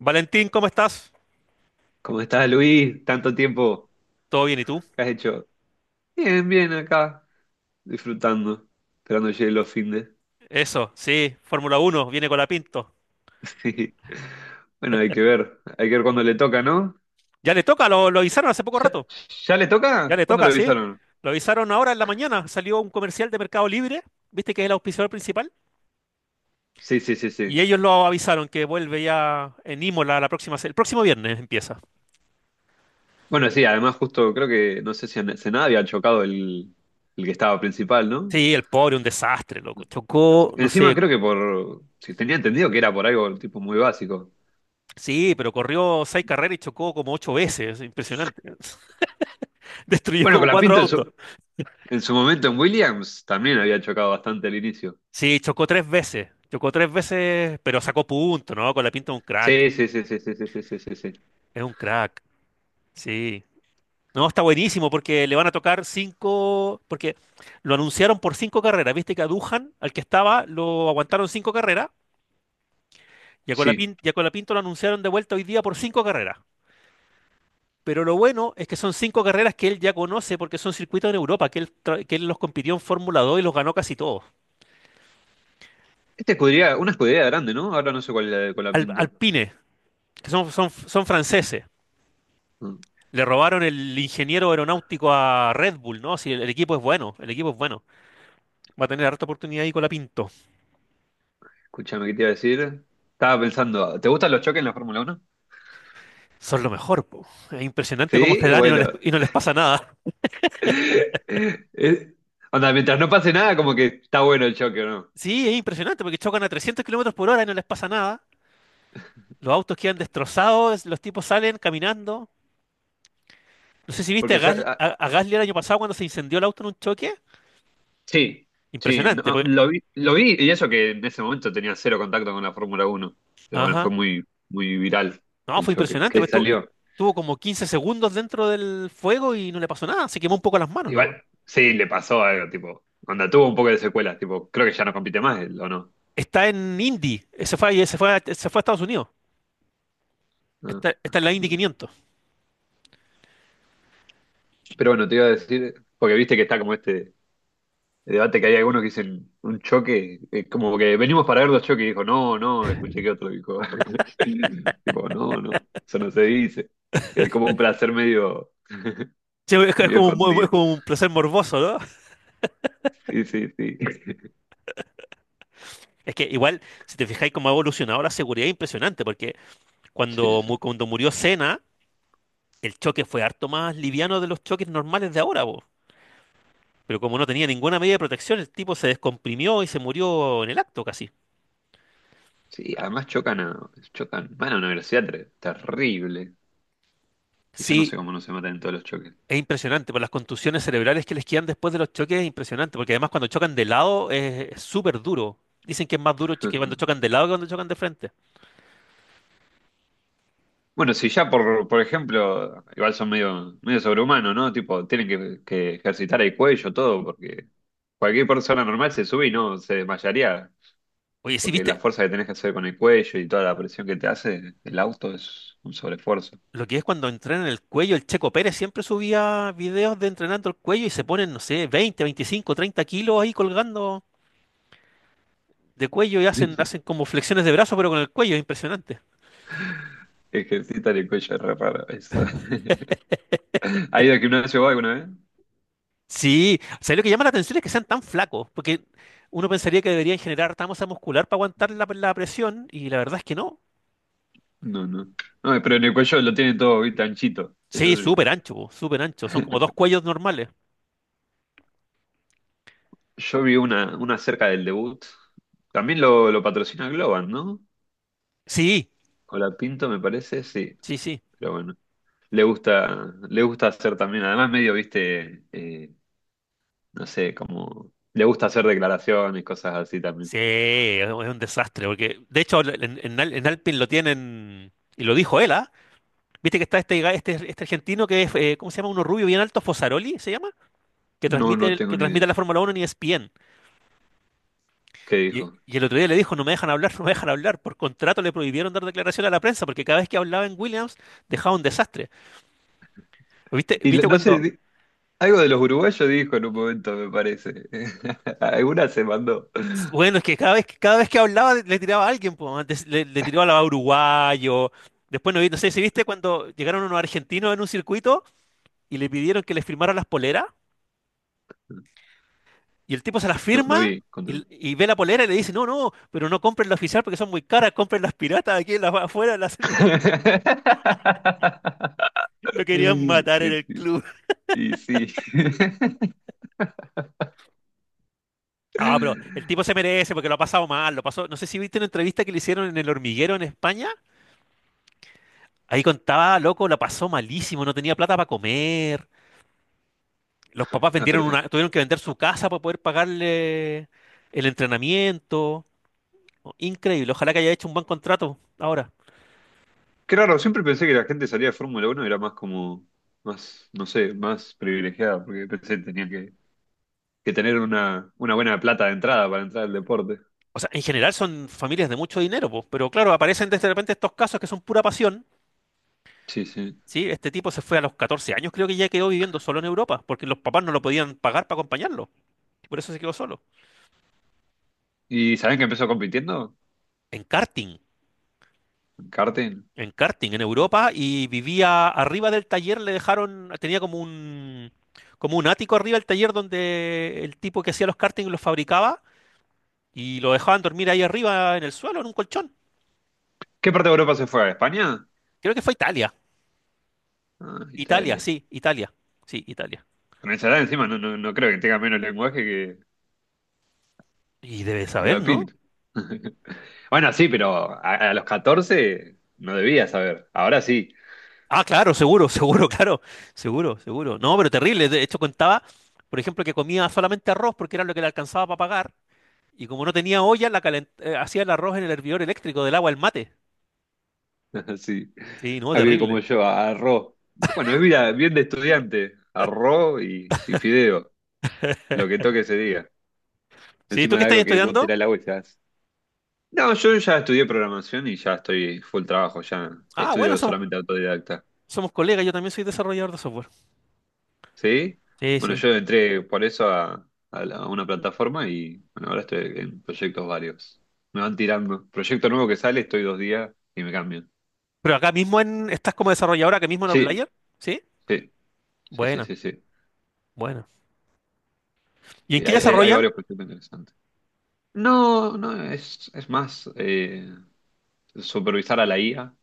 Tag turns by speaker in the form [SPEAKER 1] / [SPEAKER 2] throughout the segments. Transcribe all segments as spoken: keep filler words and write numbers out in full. [SPEAKER 1] Valentín, ¿cómo estás?
[SPEAKER 2] ¿Cómo estás, Luis? Tanto tiempo
[SPEAKER 1] ¿Todo bien y tú?
[SPEAKER 2] que has hecho. Bien, bien acá, disfrutando, esperando llegue los findes.
[SPEAKER 1] Eso, sí, Fórmula Uno, viene con la Pinto.
[SPEAKER 2] Sí. Bueno, hay que ver, hay que ver cuándo le toca, ¿no?
[SPEAKER 1] Ya le toca, lo, lo avisaron hace poco
[SPEAKER 2] ¿Ya,
[SPEAKER 1] rato.
[SPEAKER 2] ya le
[SPEAKER 1] Ya
[SPEAKER 2] toca?
[SPEAKER 1] le
[SPEAKER 2] ¿Cuándo lo
[SPEAKER 1] toca, sí.
[SPEAKER 2] avisaron?
[SPEAKER 1] Lo avisaron ahora en la mañana. Salió un comercial de Mercado Libre, viste que es el auspiciador principal.
[SPEAKER 2] Sí, sí, sí, sí.
[SPEAKER 1] Y ellos lo avisaron que vuelve ya en Imola la próxima, se- el próximo viernes empieza.
[SPEAKER 2] Bueno, sí, además justo creo que no sé si a Senada había chocado el, el que estaba principal, ¿no?
[SPEAKER 1] Sí, el pobre, un desastre, loco. Chocó, no
[SPEAKER 2] Encima
[SPEAKER 1] sé,
[SPEAKER 2] creo que por, si tenía entendido que era por algo tipo muy básico.
[SPEAKER 1] sí, pero corrió seis carreras y chocó como ocho veces. Impresionante. Destruyó
[SPEAKER 2] Bueno,
[SPEAKER 1] como
[SPEAKER 2] con la
[SPEAKER 1] cuatro
[SPEAKER 2] Pinto en
[SPEAKER 1] autos.
[SPEAKER 2] su, en su momento en Williams también había chocado bastante al inicio.
[SPEAKER 1] Sí, chocó tres veces. Chocó tres veces, pero sacó punto, ¿no? Con la pinta de un crack.
[SPEAKER 2] Sí, sí, sí, sí, sí, sí, sí, sí, sí, sí.
[SPEAKER 1] Es un crack. Sí. No, está buenísimo porque le van a tocar cinco. Porque lo anunciaron por cinco carreras. Viste que a Duhan, al que estaba, lo aguantaron cinco carreras. Y a
[SPEAKER 2] Sí.
[SPEAKER 1] Colapin- y a Colapinto lo anunciaron de vuelta hoy día por cinco carreras. Pero lo bueno es que son cinco carreras que él ya conoce porque son circuitos en Europa, que él, tra- que él los compitió en Fórmula dos y los ganó casi todos.
[SPEAKER 2] Esta escudería, una escudería grande, ¿no? Ahora no sé cuál, es la de
[SPEAKER 1] Al-
[SPEAKER 2] Colapinto.
[SPEAKER 1] Alpine, que son, son, son franceses.
[SPEAKER 2] Mm.
[SPEAKER 1] Le robaron el ingeniero aeronáutico a Red Bull, ¿no? Si el, el equipo es bueno, el equipo es bueno. Va a tener harta oportunidad ahí con la Pinto.
[SPEAKER 2] Escúchame, ¿qué te iba a decir? Estaba pensando, ¿te gustan los choques en la Fórmula Uno?
[SPEAKER 1] Son lo mejor, po. Es impresionante cómo se
[SPEAKER 2] Sí,
[SPEAKER 1] dan y no les,
[SPEAKER 2] bueno.
[SPEAKER 1] y no les pasa nada.
[SPEAKER 2] Es- Anda, mientras no pase nada, como que está bueno el choque, ¿no?
[SPEAKER 1] Sí, es impresionante porque chocan a trescientos kilómetros por hora y no les pasa nada. Los autos quedan destrozados, los tipos salen caminando. No sé si viste a,
[SPEAKER 2] Porque se-
[SPEAKER 1] Gas-
[SPEAKER 2] ah,
[SPEAKER 1] a, a Gasly el año pasado cuando se incendió el auto en un choque.
[SPEAKER 2] sí, sí,
[SPEAKER 1] Impresionante,
[SPEAKER 2] no,
[SPEAKER 1] porque-
[SPEAKER 2] lo vi, lo vi, y eso que en ese momento tenía cero contacto con la Fórmula Uno. Pero bueno, fue
[SPEAKER 1] Ajá.
[SPEAKER 2] muy, muy viral
[SPEAKER 1] No,
[SPEAKER 2] el
[SPEAKER 1] fue
[SPEAKER 2] choque.
[SPEAKER 1] impresionante,
[SPEAKER 2] Que
[SPEAKER 1] pues
[SPEAKER 2] salió.
[SPEAKER 1] tuvo como quince segundos dentro del fuego y no le pasó nada. Se quemó un poco las manos, ¿no?
[SPEAKER 2] Igual, sí, le pasó algo, tipo. Anda, tuvo un poco de secuelas, tipo, creo que ya no compite más él, ¿o no?
[SPEAKER 1] Está en Indy. Se fue, ahí- se fue, a- se fue a Estados Unidos.
[SPEAKER 2] No,
[SPEAKER 1] Está, está en la Indy
[SPEAKER 2] no.
[SPEAKER 1] quinientos.
[SPEAKER 2] Pero bueno, te iba a decir, porque viste que está como este debate que hay algunos que dicen un choque, eh, como que venimos para ver dos choques, y dijo, no, no, escuché que otro dijo, tipo, no, no, eso no se dice. Es como un placer medio,
[SPEAKER 1] Sí, es, es
[SPEAKER 2] medio
[SPEAKER 1] como un, mu- es
[SPEAKER 2] escondido.
[SPEAKER 1] como un placer morboso, ¿no?
[SPEAKER 2] Sí, sí, sí.
[SPEAKER 1] Es que igual, si te fijáis cómo ha evolucionado la seguridad, es impresionante, porque
[SPEAKER 2] Sí,
[SPEAKER 1] cuando, mu-
[SPEAKER 2] sí.
[SPEAKER 1] cuando murió Senna, el choque fue harto más liviano de los choques normales de ahora, po. Pero como no tenía ninguna medida de protección, el tipo se descomprimió y se murió en el acto casi.
[SPEAKER 2] Sí, además chocan a, chocan, van a una velocidad ter- terrible. Y yo no
[SPEAKER 1] Sí,
[SPEAKER 2] sé cómo no se matan en todos los choques.
[SPEAKER 1] es impresionante, por las contusiones cerebrales que les quedan después de los choques es impresionante, porque además cuando chocan de lado es es súper duro. Dicen que es más duro ch- que cuando chocan de lado que cuando chocan de frente.
[SPEAKER 2] Bueno, si ya por, por ejemplo, igual son medio, medio sobrehumanos, ¿no? Tipo, tienen que, que ejercitar el cuello, todo, porque cualquier persona normal se sube y no se desmayaría,
[SPEAKER 1] Oye, sí,
[SPEAKER 2] porque la
[SPEAKER 1] viste,
[SPEAKER 2] fuerza que tenés que hacer con el cuello y toda la presión que te hace el auto es un sobreesfuerzo.
[SPEAKER 1] lo que es cuando entrenan el cuello, el Checo Pérez siempre subía videos de entrenando el cuello y se ponen, no sé, veinte, veinticinco, treinta kilos ahí colgando de cuello y
[SPEAKER 2] Y
[SPEAKER 1] hacen,
[SPEAKER 2] si
[SPEAKER 1] hacen como flexiones de brazo, pero con el cuello, es impresionante.
[SPEAKER 2] Ejercitar el cuello es re raro, eso. ¿Ha ido al gimnasio vos alguna vez?
[SPEAKER 1] Sí, o sea, lo que llama la atención es que sean tan flacos, porque uno pensaría que deberían generar tanta masa muscular para aguantar la, la presión y la verdad es que no.
[SPEAKER 2] No, no. No, pero en el cuello lo tienen todo, ¿viste? Anchito.
[SPEAKER 1] Sí,
[SPEAKER 2] Eso sí.
[SPEAKER 1] súper ancho, po, súper ancho. Son como dos cuellos normales.
[SPEAKER 2] Yo vi una, una cerca del debut. También lo, lo patrocina Globan, ¿no?
[SPEAKER 1] Sí,
[SPEAKER 2] Pinto me parece, sí,
[SPEAKER 1] sí, sí.
[SPEAKER 2] pero bueno. Le gusta, le gusta hacer también, además medio, viste, eh, no sé, como... Le gusta hacer declaraciones, cosas así también.
[SPEAKER 1] Sí, es un desastre, porque de hecho en, en, Al- en Alpine lo tienen, y lo dijo él, ¿ah? Viste que está este, ga- este, este argentino que es, eh, ¿cómo se llama? Uno rubio bien alto, Fosaroli se llama, que
[SPEAKER 2] No,
[SPEAKER 1] transmite,
[SPEAKER 2] no
[SPEAKER 1] el-
[SPEAKER 2] tengo
[SPEAKER 1] que
[SPEAKER 2] ni
[SPEAKER 1] transmite
[SPEAKER 2] idea
[SPEAKER 1] la Fórmula uno en E S P N.
[SPEAKER 2] qué
[SPEAKER 1] Y,
[SPEAKER 2] dijo.
[SPEAKER 1] y el otro día le dijo, no me dejan hablar, no me dejan hablar. Por contrato le prohibieron dar declaración a la prensa, porque cada vez que hablaba en Williams dejaba un desastre. ¿Viste,
[SPEAKER 2] Y lo-
[SPEAKER 1] viste
[SPEAKER 2] no sé,
[SPEAKER 1] cuando,
[SPEAKER 2] di- algo de los uruguayos dijo en un momento, me parece. Alguna se mandó.
[SPEAKER 1] Bueno, es que cada vez, que- cada vez que hablaba le tiraba a alguien, pues, antes le, le tiraba a uruguayo. Después no vi, no sé si viste cuando llegaron unos argentinos en un circuito y le pidieron que les firmaran las poleras y el tipo se las
[SPEAKER 2] No, no
[SPEAKER 1] firma
[SPEAKER 2] vi, contame.
[SPEAKER 1] y, y ve la polera y le dice, no, no, pero no compren la oficial porque son muy caras, compren las piratas aquí en la, afuera. Las, lo querían matar en
[SPEAKER 2] Qué
[SPEAKER 1] el
[SPEAKER 2] tío.
[SPEAKER 1] club.
[SPEAKER 2] Y sí.
[SPEAKER 1] No, pero el tipo se merece porque lo ha pasado mal, lo pasó. No sé si viste una entrevista que le hicieron en El Hormiguero en España. Ahí contaba, loco, la pasó malísimo, no tenía plata para comer. Los papás
[SPEAKER 2] Ah, pero
[SPEAKER 1] vendieron
[SPEAKER 2] eh,
[SPEAKER 1] una, tuvieron que vender su casa para poder pagarle el entrenamiento. ¿No? Increíble. Ojalá que haya hecho un buen contrato ahora.
[SPEAKER 2] qué raro, siempre pensé que la gente salía de Fórmula Uno era más como, más, no sé, más privilegiada, porque pensé que tenía que, que tener una, una buena plata de entrada para entrar al deporte.
[SPEAKER 1] O sea, en general son familias de mucho dinero, po, pero claro, aparecen de repente estos casos que son pura pasión.
[SPEAKER 2] Sí, sí.
[SPEAKER 1] Sí, este tipo se fue a los catorce años, creo que ya quedó viviendo solo en Europa, porque los papás no lo podían pagar para acompañarlo. Y por eso se quedó solo.
[SPEAKER 2] ¿Y saben que empezó compitiendo?
[SPEAKER 1] En karting.
[SPEAKER 2] En karting.
[SPEAKER 1] En karting en Europa y vivía arriba del taller, le dejaron, tenía como un, como un ático arriba del taller donde el tipo que hacía los karting los fabricaba y lo dejaban dormir ahí arriba en el suelo, en un colchón.
[SPEAKER 2] ¿Qué parte de Europa se fue? ¿A España?
[SPEAKER 1] Creo que fue Italia.
[SPEAKER 2] Ah,
[SPEAKER 1] Italia,
[SPEAKER 2] Italia.
[SPEAKER 1] sí, Italia. Sí, Italia.
[SPEAKER 2] Con esa edad encima no, no, no creo que tenga menos lenguaje que,
[SPEAKER 1] Y debe
[SPEAKER 2] que
[SPEAKER 1] saber, ¿no?
[SPEAKER 2] Colapinto. Bueno, sí, pero a, a los catorce no debía saber. Ahora sí.
[SPEAKER 1] Ah, claro, seguro, seguro, claro, seguro, seguro. No, pero terrible. De hecho, contaba, por ejemplo, que comía solamente arroz porque era lo que le alcanzaba para pagar. Y como no tenía olla, la calent- eh, hacía el arroz en el hervidor eléctrico del agua, el mate.
[SPEAKER 2] Sí,
[SPEAKER 1] Sí, no,
[SPEAKER 2] alguien como
[SPEAKER 1] terrible.
[SPEAKER 2] yo, a- arroz. Bueno, es vida bien de estudiante, arroz y, y fideo, lo que toque ese día.
[SPEAKER 1] Sí, ¿tú
[SPEAKER 2] Encima
[SPEAKER 1] qué
[SPEAKER 2] de
[SPEAKER 1] estás
[SPEAKER 2] algo que vos
[SPEAKER 1] estudiando?
[SPEAKER 2] tirás la vuelta. No, yo ya estudié programación y ya estoy full trabajo, ya
[SPEAKER 1] Ah, bueno,
[SPEAKER 2] estudio
[SPEAKER 1] somos,
[SPEAKER 2] solamente autodidacta.
[SPEAKER 1] somos colegas, yo también soy desarrollador de software.
[SPEAKER 2] ¿Sí?
[SPEAKER 1] Sí,
[SPEAKER 2] Bueno,
[SPEAKER 1] sí.
[SPEAKER 2] yo entré por eso a, a la- a una plataforma y bueno, ahora estoy en proyectos varios. Me van tirando. Proyecto nuevo que sale, estoy dos días y me cambian.
[SPEAKER 1] Pero acá mismo en, estás como desarrolladora acá mismo en
[SPEAKER 2] Sí,
[SPEAKER 1] Outlier, ¿sí?
[SPEAKER 2] sí, sí, sí,
[SPEAKER 1] Buena,
[SPEAKER 2] sí, sí.
[SPEAKER 1] buena. ¿Y en
[SPEAKER 2] Sí,
[SPEAKER 1] qué
[SPEAKER 2] hay, hay hay
[SPEAKER 1] desarrollan? Sí,
[SPEAKER 2] varios proyectos interesantes. No, no, es, es más eh, supervisar a la I A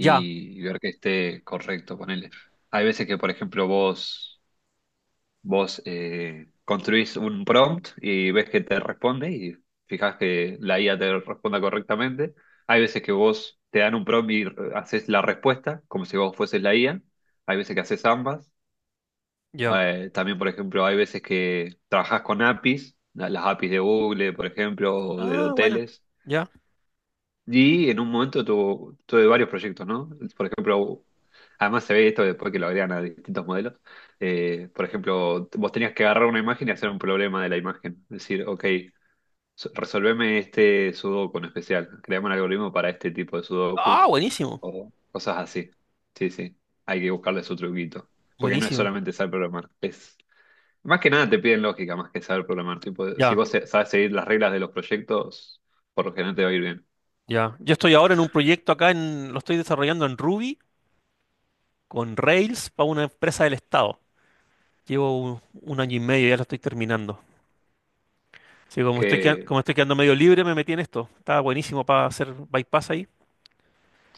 [SPEAKER 1] ya,
[SPEAKER 2] y ver que esté correcto, ponele. Hay veces que, por ejemplo, vos, vos eh, construís un prompt y ves que te responde y fijás que la I A te responda correctamente. Hay veces que vos te dan un prompt y re- haces la respuesta como si vos fueses la I A. Hay veces que haces ambas.
[SPEAKER 1] ya.
[SPEAKER 2] Eh, también, por ejemplo, hay veces que trabajás con A P I s, la- las A P I s de Google, por ejemplo, o de
[SPEAKER 1] Ah, buena.
[SPEAKER 2] hoteles.
[SPEAKER 1] Ya.
[SPEAKER 2] Y en un momento tuvo, tuve varios proyectos, ¿no? Por ejemplo, además se ve esto después que lo agregan a distintos modelos. Eh, por ejemplo, vos tenías que agarrar una imagen y hacer un problema de la imagen. Es decir, ok, so- resolveme este sudoku en especial. Creamos un algoritmo para este tipo de sudoku
[SPEAKER 1] Ah, buenísimo,
[SPEAKER 2] o cosas así. Sí, sí. Hay que buscarle su truquito. Porque no es
[SPEAKER 1] buenísimo.
[SPEAKER 2] solamente saber programar. Es, más que nada te piden lógica más que saber programar. Tipo, si
[SPEAKER 1] Ya,
[SPEAKER 2] vos se- sabes seguir las reglas de los proyectos, por lo general te va a ir bien.
[SPEAKER 1] ya. Yo estoy ahora en un proyecto acá en, lo estoy desarrollando en Ruby con Rails para una empresa del Estado. Llevo un, un año y medio, ya lo estoy terminando. Sí, como estoy, quedan- eh,
[SPEAKER 2] ¿Qué,
[SPEAKER 1] como estoy quedando medio libre, me metí en esto. Está buenísimo para hacer bypass ahí.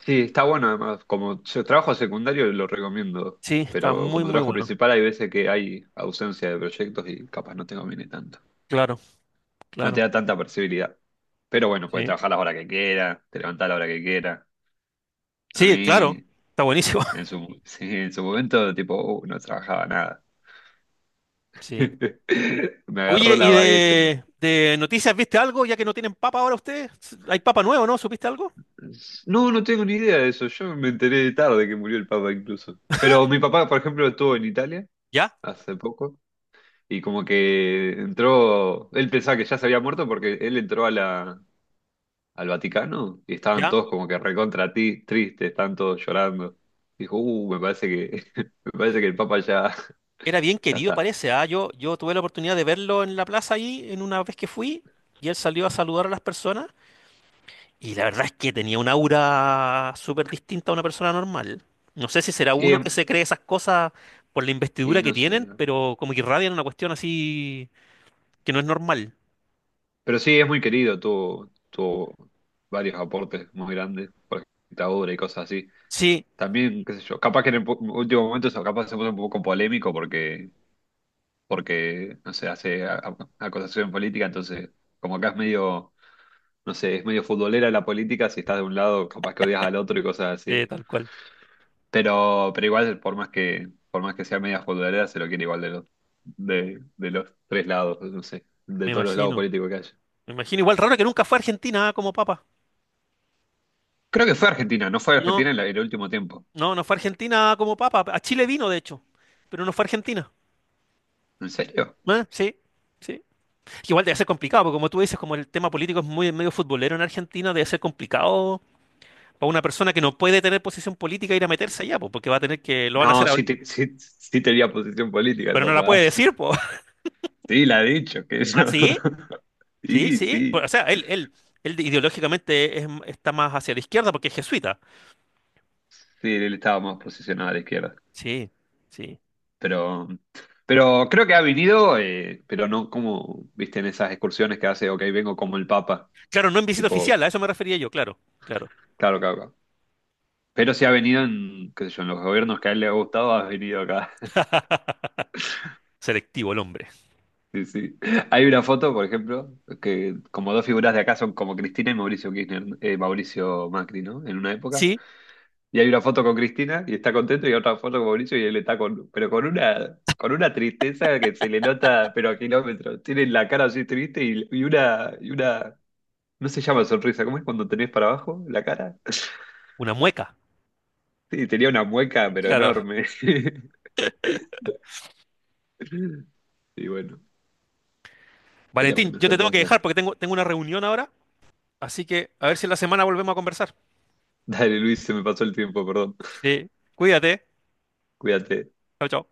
[SPEAKER 2] Sí, está bueno además. Como yo trabajo secundario lo recomiendo,
[SPEAKER 1] Sí, está
[SPEAKER 2] pero
[SPEAKER 1] muy,
[SPEAKER 2] como
[SPEAKER 1] muy
[SPEAKER 2] trabajo
[SPEAKER 1] bueno.
[SPEAKER 2] principal hay veces que hay ausencia de proyectos y capaz no te conviene tanto.
[SPEAKER 1] Claro,
[SPEAKER 2] No
[SPEAKER 1] claro.
[SPEAKER 2] te da tanta flexibilidad. Pero bueno, puedes
[SPEAKER 1] Sí,
[SPEAKER 2] trabajar la hora que quieras, te levantás a la hora que quieras. A
[SPEAKER 1] sí, claro.
[SPEAKER 2] mí,
[SPEAKER 1] Está buenísimo.
[SPEAKER 2] en su, sí, en su momento, tipo, uh, no trabajaba nada.
[SPEAKER 1] Sí.
[SPEAKER 2] Me
[SPEAKER 1] Oye,
[SPEAKER 2] agarró
[SPEAKER 1] ¿y
[SPEAKER 2] la vaguez.
[SPEAKER 1] de, de noticias viste algo? Ya que no tienen papa ahora ustedes. Hay papa nuevo, ¿no? ¿Supiste algo?
[SPEAKER 2] No, no tengo ni idea de eso. Yo me enteré tarde que murió el Papa incluso. Pero mi papá, por ejemplo, estuvo en Italia
[SPEAKER 1] Ya,
[SPEAKER 2] hace poco. Y como que entró, él pensaba que ya se había muerto porque él entró a la, al Vaticano y estaban
[SPEAKER 1] ya.
[SPEAKER 2] todos como que recontra ti, tristes, estaban todos llorando. Dijo, uh, me parece que, me parece que el Papa ya,
[SPEAKER 1] Era bien
[SPEAKER 2] ya
[SPEAKER 1] querido,
[SPEAKER 2] está.
[SPEAKER 1] parece. Ah, yo, yo tuve la oportunidad de verlo en la plaza ahí, en una vez que fui, y él salió a saludar a las personas. Y la verdad es que tenía un aura súper distinta a una persona normal. No sé si será
[SPEAKER 2] Sí,
[SPEAKER 1] uno que
[SPEAKER 2] em-
[SPEAKER 1] se cree esas cosas por la
[SPEAKER 2] y
[SPEAKER 1] investidura que
[SPEAKER 2] no sé.
[SPEAKER 1] tienen,
[SPEAKER 2] No.
[SPEAKER 1] pero como que irradian una cuestión así que no es normal.
[SPEAKER 2] Pero sí, es muy querido, tuvo, tuvo varios aportes muy grandes por esta obra y cosas así.
[SPEAKER 1] Sí,
[SPEAKER 2] También, qué sé yo, capaz que en el po- último momento eso capaz se puso un poco polémico porque, porque no sé, hace a- a- acusación política, entonces como acá es medio no sé, es medio futbolera la política, si estás de un lado, capaz que odias al otro y cosas
[SPEAKER 1] eh,
[SPEAKER 2] así.
[SPEAKER 1] tal cual.
[SPEAKER 2] Pero, pero igual, por más que, por más que sea media futbolera, se lo quiere igual de los, de, de los tres lados, no sé, de
[SPEAKER 1] Me
[SPEAKER 2] todos los lados
[SPEAKER 1] imagino.
[SPEAKER 2] políticos que haya.
[SPEAKER 1] Me imagino. Igual raro que nunca fue a Argentina como papa.
[SPEAKER 2] Creo que fue Argentina, no fue
[SPEAKER 1] No,
[SPEAKER 2] Argentina en la- en el último tiempo.
[SPEAKER 1] no, no fue a Argentina como papa. A Chile vino, de hecho, pero no fue a Argentina.
[SPEAKER 2] ¿En serio?
[SPEAKER 1] Ah, sí, sí. Igual debe ser complicado, porque como tú dices, como el tema político es muy medio futbolero en Argentina, debe ser complicado para una persona que no puede tener posición política ir a meterse allá, pues, porque va a tener que, lo van a
[SPEAKER 2] No,
[SPEAKER 1] hacer,
[SPEAKER 2] sí,
[SPEAKER 1] habl-
[SPEAKER 2] te- sí, sí tenía posición política el
[SPEAKER 1] pero no la
[SPEAKER 2] papá.
[SPEAKER 1] puede decir, pues.
[SPEAKER 2] Sí, la ha dicho, que eso.
[SPEAKER 1] ¿Ah, sí? Sí,
[SPEAKER 2] Sí,
[SPEAKER 1] sí.
[SPEAKER 2] sí,
[SPEAKER 1] Pues, o sea, él, él, él ideológicamente es- está más hacia la izquierda porque es jesuita.
[SPEAKER 2] sí, él estaba más posicionado a la izquierda.
[SPEAKER 1] Sí, sí.
[SPEAKER 2] Pero, pero creo que ha venido, eh, pero no como, viste, en esas excursiones que hace, ok, vengo como el Papa.
[SPEAKER 1] Claro, no en visita oficial,
[SPEAKER 2] Tipo,
[SPEAKER 1] a eso me refería yo, claro, claro.
[SPEAKER 2] claro, claro, claro. Pero sí ha venido en, qué sé yo, en los gobiernos que a él le ha gustado, ha venido acá.
[SPEAKER 1] Selectivo el hombre.
[SPEAKER 2] Sí, sí. Hay una foto, por ejemplo, que como dos figuras de acá son como Cristina y Mauricio Kirchner, eh, Mauricio Macri, ¿no? En una época.
[SPEAKER 1] Sí,
[SPEAKER 2] Y hay una foto con Cristina y está contento y otra foto con Mauricio y él está con, pero con una, con una tristeza que se le nota, pero a kilómetros. Tiene la cara así triste y, y una, y una No se llama sonrisa, ¿cómo es cuando tenés para abajo la cara?
[SPEAKER 1] una mueca,
[SPEAKER 2] Y tenía una mueca, pero
[SPEAKER 1] claro. Claro.
[SPEAKER 2] enorme. Y bueno, pero
[SPEAKER 1] Valentín,
[SPEAKER 2] bueno,
[SPEAKER 1] yo te
[SPEAKER 2] son
[SPEAKER 1] tengo que
[SPEAKER 2] cosas.
[SPEAKER 1] dejar porque tengo, tengo una reunión ahora, así que a ver si en la semana volvemos a conversar.
[SPEAKER 2] Dale, Luis, se me pasó el tiempo, perdón.
[SPEAKER 1] Sí, cuídate.
[SPEAKER 2] Cuídate.
[SPEAKER 1] Chao, chao.